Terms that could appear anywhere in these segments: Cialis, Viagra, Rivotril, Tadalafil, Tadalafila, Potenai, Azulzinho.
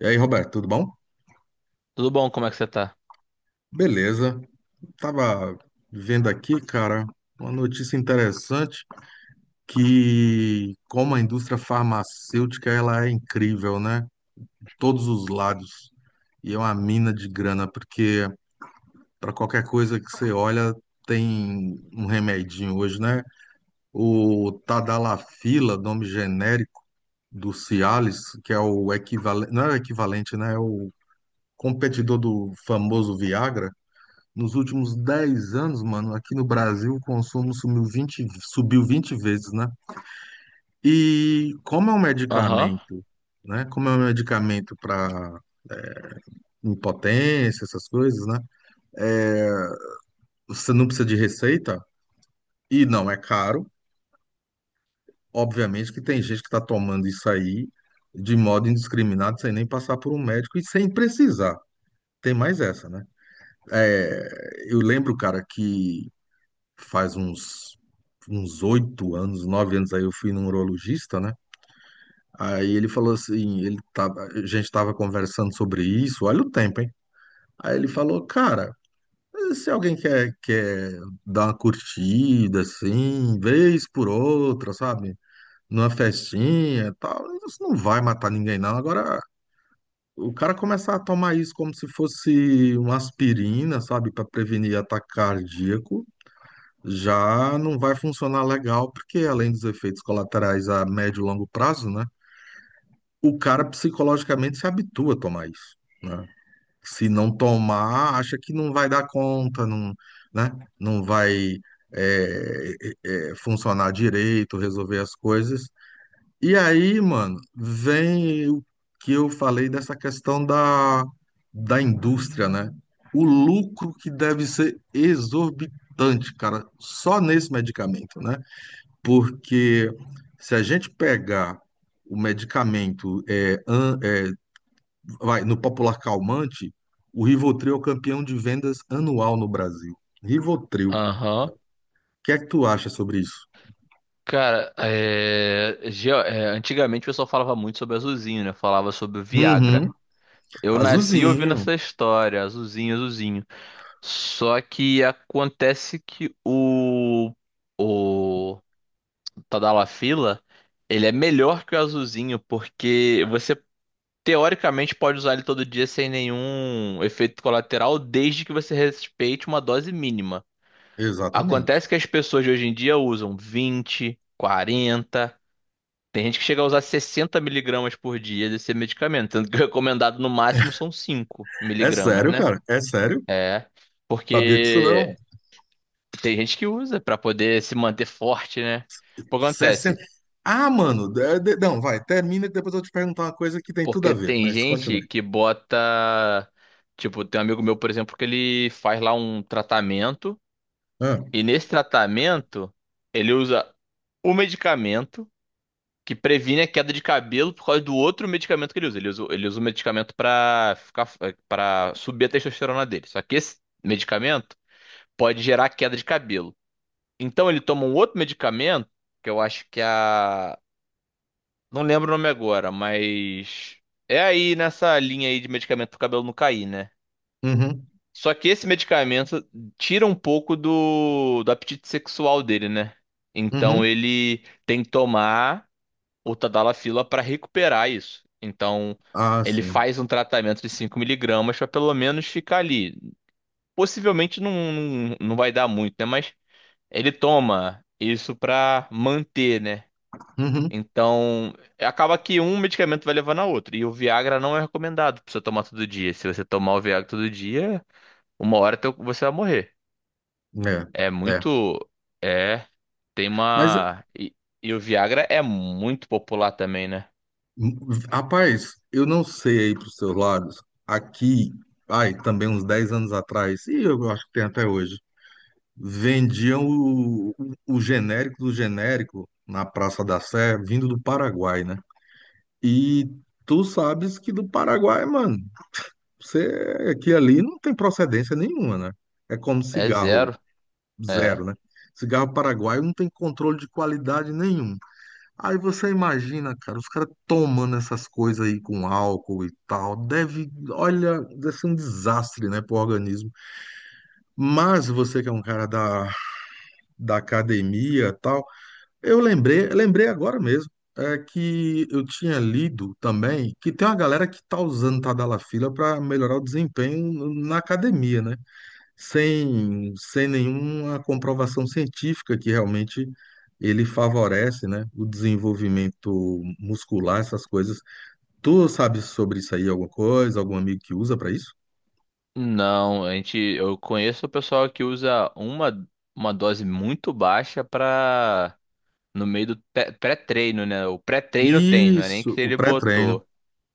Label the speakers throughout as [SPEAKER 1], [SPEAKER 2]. [SPEAKER 1] E aí, Roberto, tudo bom?
[SPEAKER 2] Tudo bom? Como é que você tá?
[SPEAKER 1] Beleza. Tava vendo aqui, cara, uma notícia interessante que como a indústria farmacêutica, ela é incrível, né? Todos os lados. E é uma mina de grana, porque para qualquer coisa que você olha, tem um remedinho hoje, né? O Tadalafila, nome genérico do Cialis, que é o equivalente, não é o equivalente, né? É o competidor do famoso Viagra. Nos últimos 10 anos, mano, aqui no Brasil, o consumo sumiu 20 subiu 20 vezes, né? E como é um
[SPEAKER 2] Aham,
[SPEAKER 1] medicamento, né? Como é um medicamento para impotência, essas coisas, né? É, você não precisa de receita e não é caro. Obviamente que tem gente que está tomando isso aí de modo indiscriminado, sem nem passar por um médico e sem precisar. Tem mais essa, né? É, eu lembro, cara, que faz uns 8 anos, 9 anos aí eu fui num urologista, né? Aí ele falou assim, ele tava, a gente tava conversando sobre isso, olha o tempo, hein? Aí ele falou, cara, se alguém quer dar uma curtida, assim, vez por outra, sabe? Numa festinha e tal, isso não vai matar ninguém, não. Agora, o cara começar a tomar isso como se fosse uma aspirina, sabe? Para prevenir ataque cardíaco, já não vai funcionar legal, porque além dos efeitos colaterais a médio e longo prazo, né, o cara psicologicamente se habitua a tomar isso, né? Se não tomar, acha que não vai dar conta, não, né, não vai é, funcionar direito, resolver as coisas, e aí, mano, vem o que eu falei dessa questão da indústria, né? O lucro que deve ser exorbitante, cara, só nesse medicamento, né? Porque se a gente pegar o medicamento, vai, no popular calmante, o Rivotril é o campeão de vendas anual no Brasil. Rivotril. O
[SPEAKER 2] aham.
[SPEAKER 1] que é que tu acha sobre isso?
[SPEAKER 2] Cara, antigamente o pessoal falava muito sobre Azulzinho, né? Falava sobre o Viagra.
[SPEAKER 1] Uhum.
[SPEAKER 2] Eu nasci ouvindo
[SPEAKER 1] Azulzinho,
[SPEAKER 2] essa história, Azulzinho, Azulzinho. Só que acontece que o... O Tadalafila, ele é melhor que o Azulzinho, porque você, teoricamente, pode usar ele todo dia sem nenhum efeito colateral, desde que você respeite uma dose mínima.
[SPEAKER 1] exatamente.
[SPEAKER 2] Acontece que as pessoas de hoje em dia usam 20, 40. Tem gente que chega a usar 60 miligramas por dia desse medicamento, sendo que o recomendado no máximo são 5
[SPEAKER 1] É
[SPEAKER 2] miligramas,
[SPEAKER 1] sério,
[SPEAKER 2] né?
[SPEAKER 1] cara? É sério?
[SPEAKER 2] É,
[SPEAKER 1] Sabia disso não?
[SPEAKER 2] porque tem gente que usa pra poder se manter forte, né? O que
[SPEAKER 1] 60.
[SPEAKER 2] acontece?
[SPEAKER 1] Ah, mano, não, vai, termina que depois eu vou te perguntar uma coisa que tem tudo a
[SPEAKER 2] Porque
[SPEAKER 1] ver,
[SPEAKER 2] tem
[SPEAKER 1] mas continue.
[SPEAKER 2] gente que bota. Tipo, tem um amigo meu, por exemplo, que ele faz lá um tratamento,
[SPEAKER 1] Ah,
[SPEAKER 2] e nesse tratamento ele usa o medicamento que previne a queda de cabelo por causa do outro medicamento que ele usa. Ele usa um medicamento pra ficar para subir a testosterona dele. Só que esse medicamento pode gerar queda de cabelo. Então ele toma um outro medicamento, que eu acho que é a não lembro o nome agora, mas é aí nessa linha aí de medicamento pro cabelo não cair, né?
[SPEAKER 1] uhum,
[SPEAKER 2] Só que esse medicamento tira um pouco do apetite sexual dele, né? Então
[SPEAKER 1] uhum.
[SPEAKER 2] ele tem que tomar o Tadalafila para recuperar isso. Então,
[SPEAKER 1] Ah,
[SPEAKER 2] ele
[SPEAKER 1] sim.
[SPEAKER 2] faz um tratamento de cinco miligramas para pelo menos ficar ali. Possivelmente não vai dar muito, né? Mas ele toma isso para manter, né?
[SPEAKER 1] Uhum.
[SPEAKER 2] Então, acaba que um medicamento vai levando a outro. E o Viagra não é recomendado pra você tomar todo dia. Se você tomar o Viagra todo dia, uma hora você vai morrer. É
[SPEAKER 1] É, é.
[SPEAKER 2] muito. É. Tem
[SPEAKER 1] Mas,
[SPEAKER 2] uma. E o Viagra é muito popular também, né?
[SPEAKER 1] hum, rapaz, eu não sei aí pros seus lados. Aqui, ai, também uns 10 anos atrás, e eu acho que tem até hoje, vendiam o genérico do genérico na Praça da Sé, vindo do Paraguai, né? E tu sabes que do Paraguai, mano, você que ali não tem procedência nenhuma, né? É como
[SPEAKER 2] É
[SPEAKER 1] cigarro
[SPEAKER 2] zero. É.
[SPEAKER 1] zero, né? Cigarro paraguaio não tem controle de qualidade nenhum. Aí você imagina, cara, os caras tomando essas coisas aí com álcool e tal, deve, olha, deve ser um desastre, né, pro organismo. Mas você que é um cara da academia e tal, eu lembrei, lembrei agora mesmo, é que eu tinha lido também que tem uma galera que tá usando Tadalafila para melhorar o desempenho na academia, né? Sem nenhuma comprovação científica que realmente ele favorece, né, o desenvolvimento muscular, essas coisas. Tu sabe sobre isso aí alguma coisa, algum amigo que usa para isso?
[SPEAKER 2] Não, eu conheço o pessoal que usa uma dose muito baixa para no meio do pré-treino, né? O pré-treino tem, não é nem
[SPEAKER 1] Isso,
[SPEAKER 2] que
[SPEAKER 1] o
[SPEAKER 2] ele
[SPEAKER 1] pré-treino.
[SPEAKER 2] botou.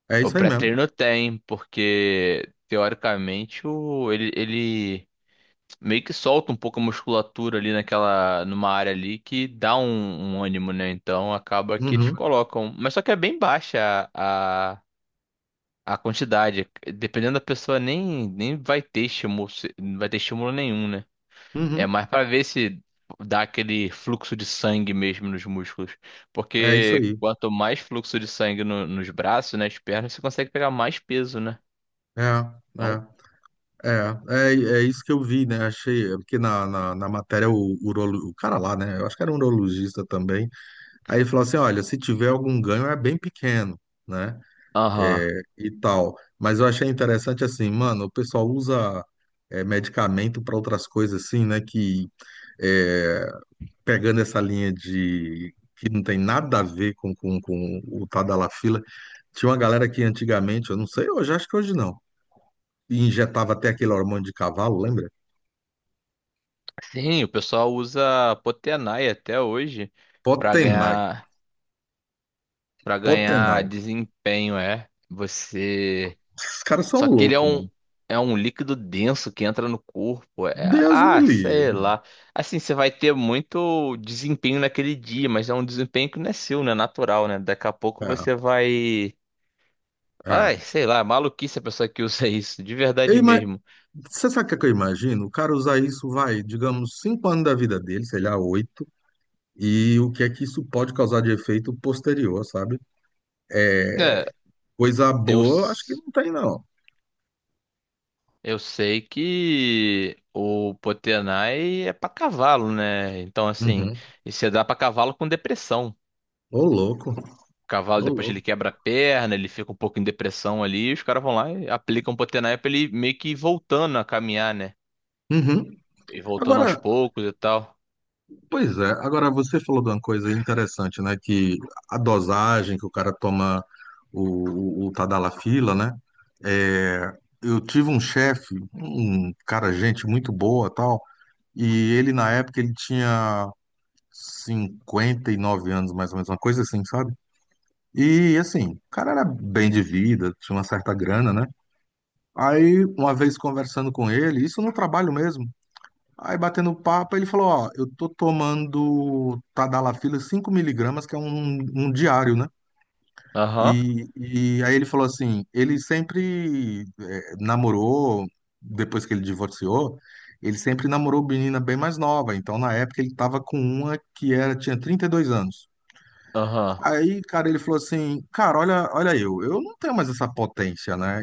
[SPEAKER 1] É
[SPEAKER 2] O
[SPEAKER 1] isso aí mesmo.
[SPEAKER 2] pré-treino tem, porque teoricamente ele meio que solta um pouco a musculatura ali naquela, numa área ali que dá um ânimo, né? Então acaba que eles
[SPEAKER 1] Uhum,
[SPEAKER 2] colocam, mas só que é bem baixa a quantidade, dependendo da pessoa, nem vai ter estímulo, não vai ter estímulo nenhum, né? É
[SPEAKER 1] uhum,
[SPEAKER 2] mais pra ver se dá aquele fluxo de sangue mesmo nos músculos.
[SPEAKER 1] é isso
[SPEAKER 2] Porque
[SPEAKER 1] aí.
[SPEAKER 2] quanto mais fluxo de sangue nos braços, nas pernas, você consegue pegar mais peso, né?
[SPEAKER 1] É, é.
[SPEAKER 2] Então,
[SPEAKER 1] É, é isso que eu vi, né? Achei, é porque na matéria o, urolo, o cara lá, né? Eu acho que era um urologista também. Aí ele falou assim: olha, se tiver algum ganho é bem pequeno, né?
[SPEAKER 2] aham.
[SPEAKER 1] É, e tal. Mas eu achei interessante assim, mano, o pessoal usa é, medicamento para outras coisas assim, né? Que é, pegando essa linha de que não tem nada a ver com o Tadalafila, tinha uma galera que antigamente, eu não sei hoje, acho que hoje não. E injetava até aquele hormônio de cavalo, lembra?
[SPEAKER 2] Sim, o pessoal usa Potenai até hoje pra
[SPEAKER 1] Potenai,
[SPEAKER 2] ganhar para ganhar
[SPEAKER 1] Potenai.
[SPEAKER 2] desempenho, é. Você
[SPEAKER 1] Esses caras são
[SPEAKER 2] só que ele
[SPEAKER 1] loucos, mano.
[SPEAKER 2] é um líquido denso que entra no corpo.
[SPEAKER 1] Deus me
[SPEAKER 2] Sei
[SPEAKER 1] livre.
[SPEAKER 2] lá. Assim, você vai ter muito desempenho naquele dia, mas é um desempenho que não é seu, né? Natural, né? Daqui a pouco você vai.
[SPEAKER 1] É,
[SPEAKER 2] Ai,
[SPEAKER 1] é.
[SPEAKER 2] sei lá, maluquice a pessoa que usa isso, de
[SPEAKER 1] Eu
[SPEAKER 2] verdade
[SPEAKER 1] ima...
[SPEAKER 2] mesmo.
[SPEAKER 1] Você sabe o que, é que eu imagino? O cara usar isso, vai, digamos, 5 anos da vida dele, sei lá, oito, e o que é que isso pode causar de efeito posterior, sabe?
[SPEAKER 2] É,
[SPEAKER 1] Coisa
[SPEAKER 2] eu,
[SPEAKER 1] boa, acho que
[SPEAKER 2] s-
[SPEAKER 1] não tem, não.
[SPEAKER 2] eu sei que o Potenai é pra cavalo, né? Então, assim,
[SPEAKER 1] Uhum.
[SPEAKER 2] e você dá pra cavalo com depressão.
[SPEAKER 1] Ô, louco,
[SPEAKER 2] Cavalo,
[SPEAKER 1] ô,
[SPEAKER 2] depois ele
[SPEAKER 1] louco.
[SPEAKER 2] quebra a perna, ele fica um pouco em depressão ali, e os caras vão lá e aplicam Potenai pra ele meio que ir voltando a caminhar, né?
[SPEAKER 1] Uhum.
[SPEAKER 2] E voltando aos
[SPEAKER 1] Agora,
[SPEAKER 2] poucos e tal.
[SPEAKER 1] pois é, agora você falou de uma coisa interessante, né? Que a dosagem que o cara toma o Tadalafila, né? É, eu tive um chefe, um cara, gente muito boa tal, e ele na época ele tinha 59 anos, mais ou menos, uma coisa assim, sabe? E assim, o cara era bem de vida, tinha uma certa grana, né? Aí, uma vez conversando com ele, isso no trabalho mesmo. Aí batendo papo, ele falou, ó, eu tô tomando Tadalafila 5 mg que é um diário, né?
[SPEAKER 2] Aham,
[SPEAKER 1] E, e aí ele falou assim, ele sempre namorou, depois que ele divorciou, ele sempre namorou menina bem mais nova, então na época ele tava com uma que era, tinha 32 anos.
[SPEAKER 2] aham.
[SPEAKER 1] Aí, cara, ele falou assim, cara, olha, eu não tenho mais essa potência, né?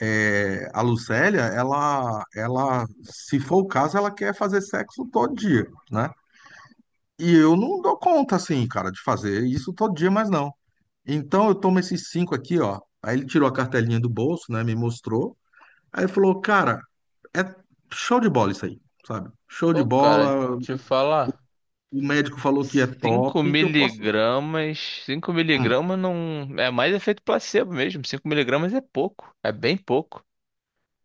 [SPEAKER 1] É, a Lucélia, ela, se for o caso, ela quer fazer sexo todo dia, né? E eu não dou conta, assim, cara, de fazer isso todo dia, mas não. Então eu tomo esses cinco aqui, ó. Aí ele tirou a cartelinha do bolso, né? Me mostrou. Aí falou, cara, é show de bola isso aí, sabe? Show de
[SPEAKER 2] Pô, cara,
[SPEAKER 1] bola.
[SPEAKER 2] deixa eu
[SPEAKER 1] O,
[SPEAKER 2] falar.
[SPEAKER 1] o médico falou que é
[SPEAKER 2] 5
[SPEAKER 1] top, que eu posso usar.
[SPEAKER 2] miligramas, 5
[SPEAKER 1] Hum,
[SPEAKER 2] miligramas não... É mais efeito placebo mesmo, 5 miligramas é pouco, é bem pouco.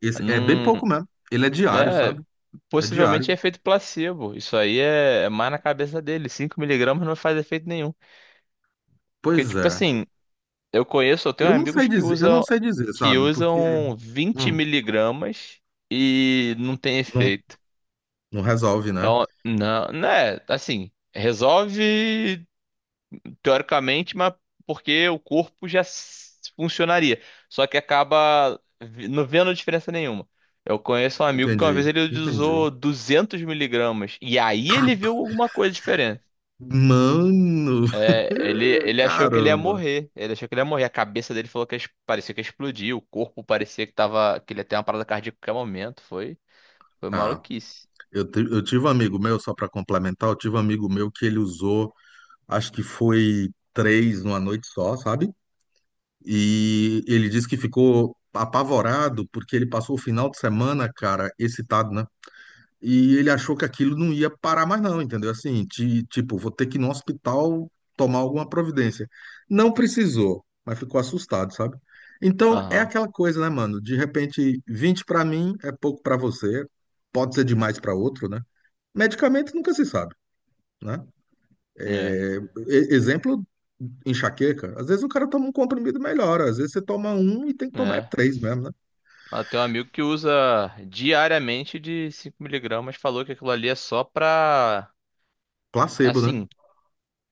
[SPEAKER 1] esse é bem pouco
[SPEAKER 2] Não...
[SPEAKER 1] mesmo. Ele é diário,
[SPEAKER 2] É...
[SPEAKER 1] sabe? É
[SPEAKER 2] Possivelmente é
[SPEAKER 1] diário.
[SPEAKER 2] efeito placebo. Isso aí é, é mais na cabeça dele. Cinco miligramas não faz efeito nenhum. Porque,
[SPEAKER 1] Pois
[SPEAKER 2] tipo
[SPEAKER 1] é.
[SPEAKER 2] assim, eu tenho
[SPEAKER 1] Eu não sei
[SPEAKER 2] amigos que
[SPEAKER 1] dizer, eu não
[SPEAKER 2] usam
[SPEAKER 1] sei dizer, sabe? Porque
[SPEAKER 2] 20
[SPEAKER 1] hum,
[SPEAKER 2] miligramas e não tem
[SPEAKER 1] não,
[SPEAKER 2] efeito.
[SPEAKER 1] não resolve, né?
[SPEAKER 2] Então, não é assim, resolve teoricamente, mas porque o corpo funcionaria. Só que acaba não vendo diferença nenhuma. Eu conheço um amigo que uma
[SPEAKER 1] Entendi,
[SPEAKER 2] vez ele
[SPEAKER 1] entendi.
[SPEAKER 2] usou 200 miligramas e aí ele
[SPEAKER 1] Tapa.
[SPEAKER 2] viu alguma coisa.
[SPEAKER 1] Mano,
[SPEAKER 2] É, ele achou que ele ia
[SPEAKER 1] caramba.
[SPEAKER 2] morrer. Ele achou que ele ia morrer. A cabeça dele falou parecia que ia explodir. O corpo parecia que tava, que ele ia ter uma parada cardíaca a qualquer momento. Foi
[SPEAKER 1] Ah,
[SPEAKER 2] maluquice.
[SPEAKER 1] eu, eu tive um amigo meu, só para complementar, eu tive um amigo meu que ele usou, acho que foi três numa noite só, sabe? E ele disse que ficou apavorado porque ele passou o final de semana, cara, excitado, né? E ele achou que aquilo não ia parar mais, não, entendeu? Assim, tipo, vou ter que ir no hospital tomar alguma providência. Não precisou, mas ficou assustado, sabe? Então, é
[SPEAKER 2] Aham.
[SPEAKER 1] aquela coisa, né, mano? De repente, 20 pra mim é pouco pra você, pode ser demais pra outro, né? Medicamento nunca se sabe, né?
[SPEAKER 2] É,
[SPEAKER 1] É, exemplo, enxaqueca. Às vezes o cara toma um comprimido e melhora, às vezes você toma um e tem que tomar é
[SPEAKER 2] é.
[SPEAKER 1] três mesmo, né?
[SPEAKER 2] Ah, tem um amigo que usa diariamente de cinco miligramas falou que aquilo ali é só pra.
[SPEAKER 1] Placebo, né?
[SPEAKER 2] Assim,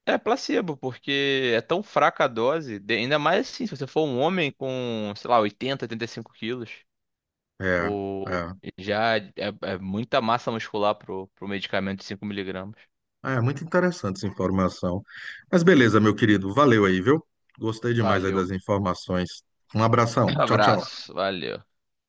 [SPEAKER 2] é placebo, porque é tão fraca a dose. Ainda mais assim, se você for um homem com, sei lá, oitenta, oitenta e cinco quilos.
[SPEAKER 1] É,
[SPEAKER 2] O,
[SPEAKER 1] é.
[SPEAKER 2] já é, é muita massa muscular pro, pro medicamento de 5 miligramas.
[SPEAKER 1] Ah, é muito interessante essa informação. Mas beleza, meu querido, valeu aí, viu? Gostei demais aí
[SPEAKER 2] Valeu.
[SPEAKER 1] das informações. Um abração. Tchau, tchau.
[SPEAKER 2] Abraço. Valeu.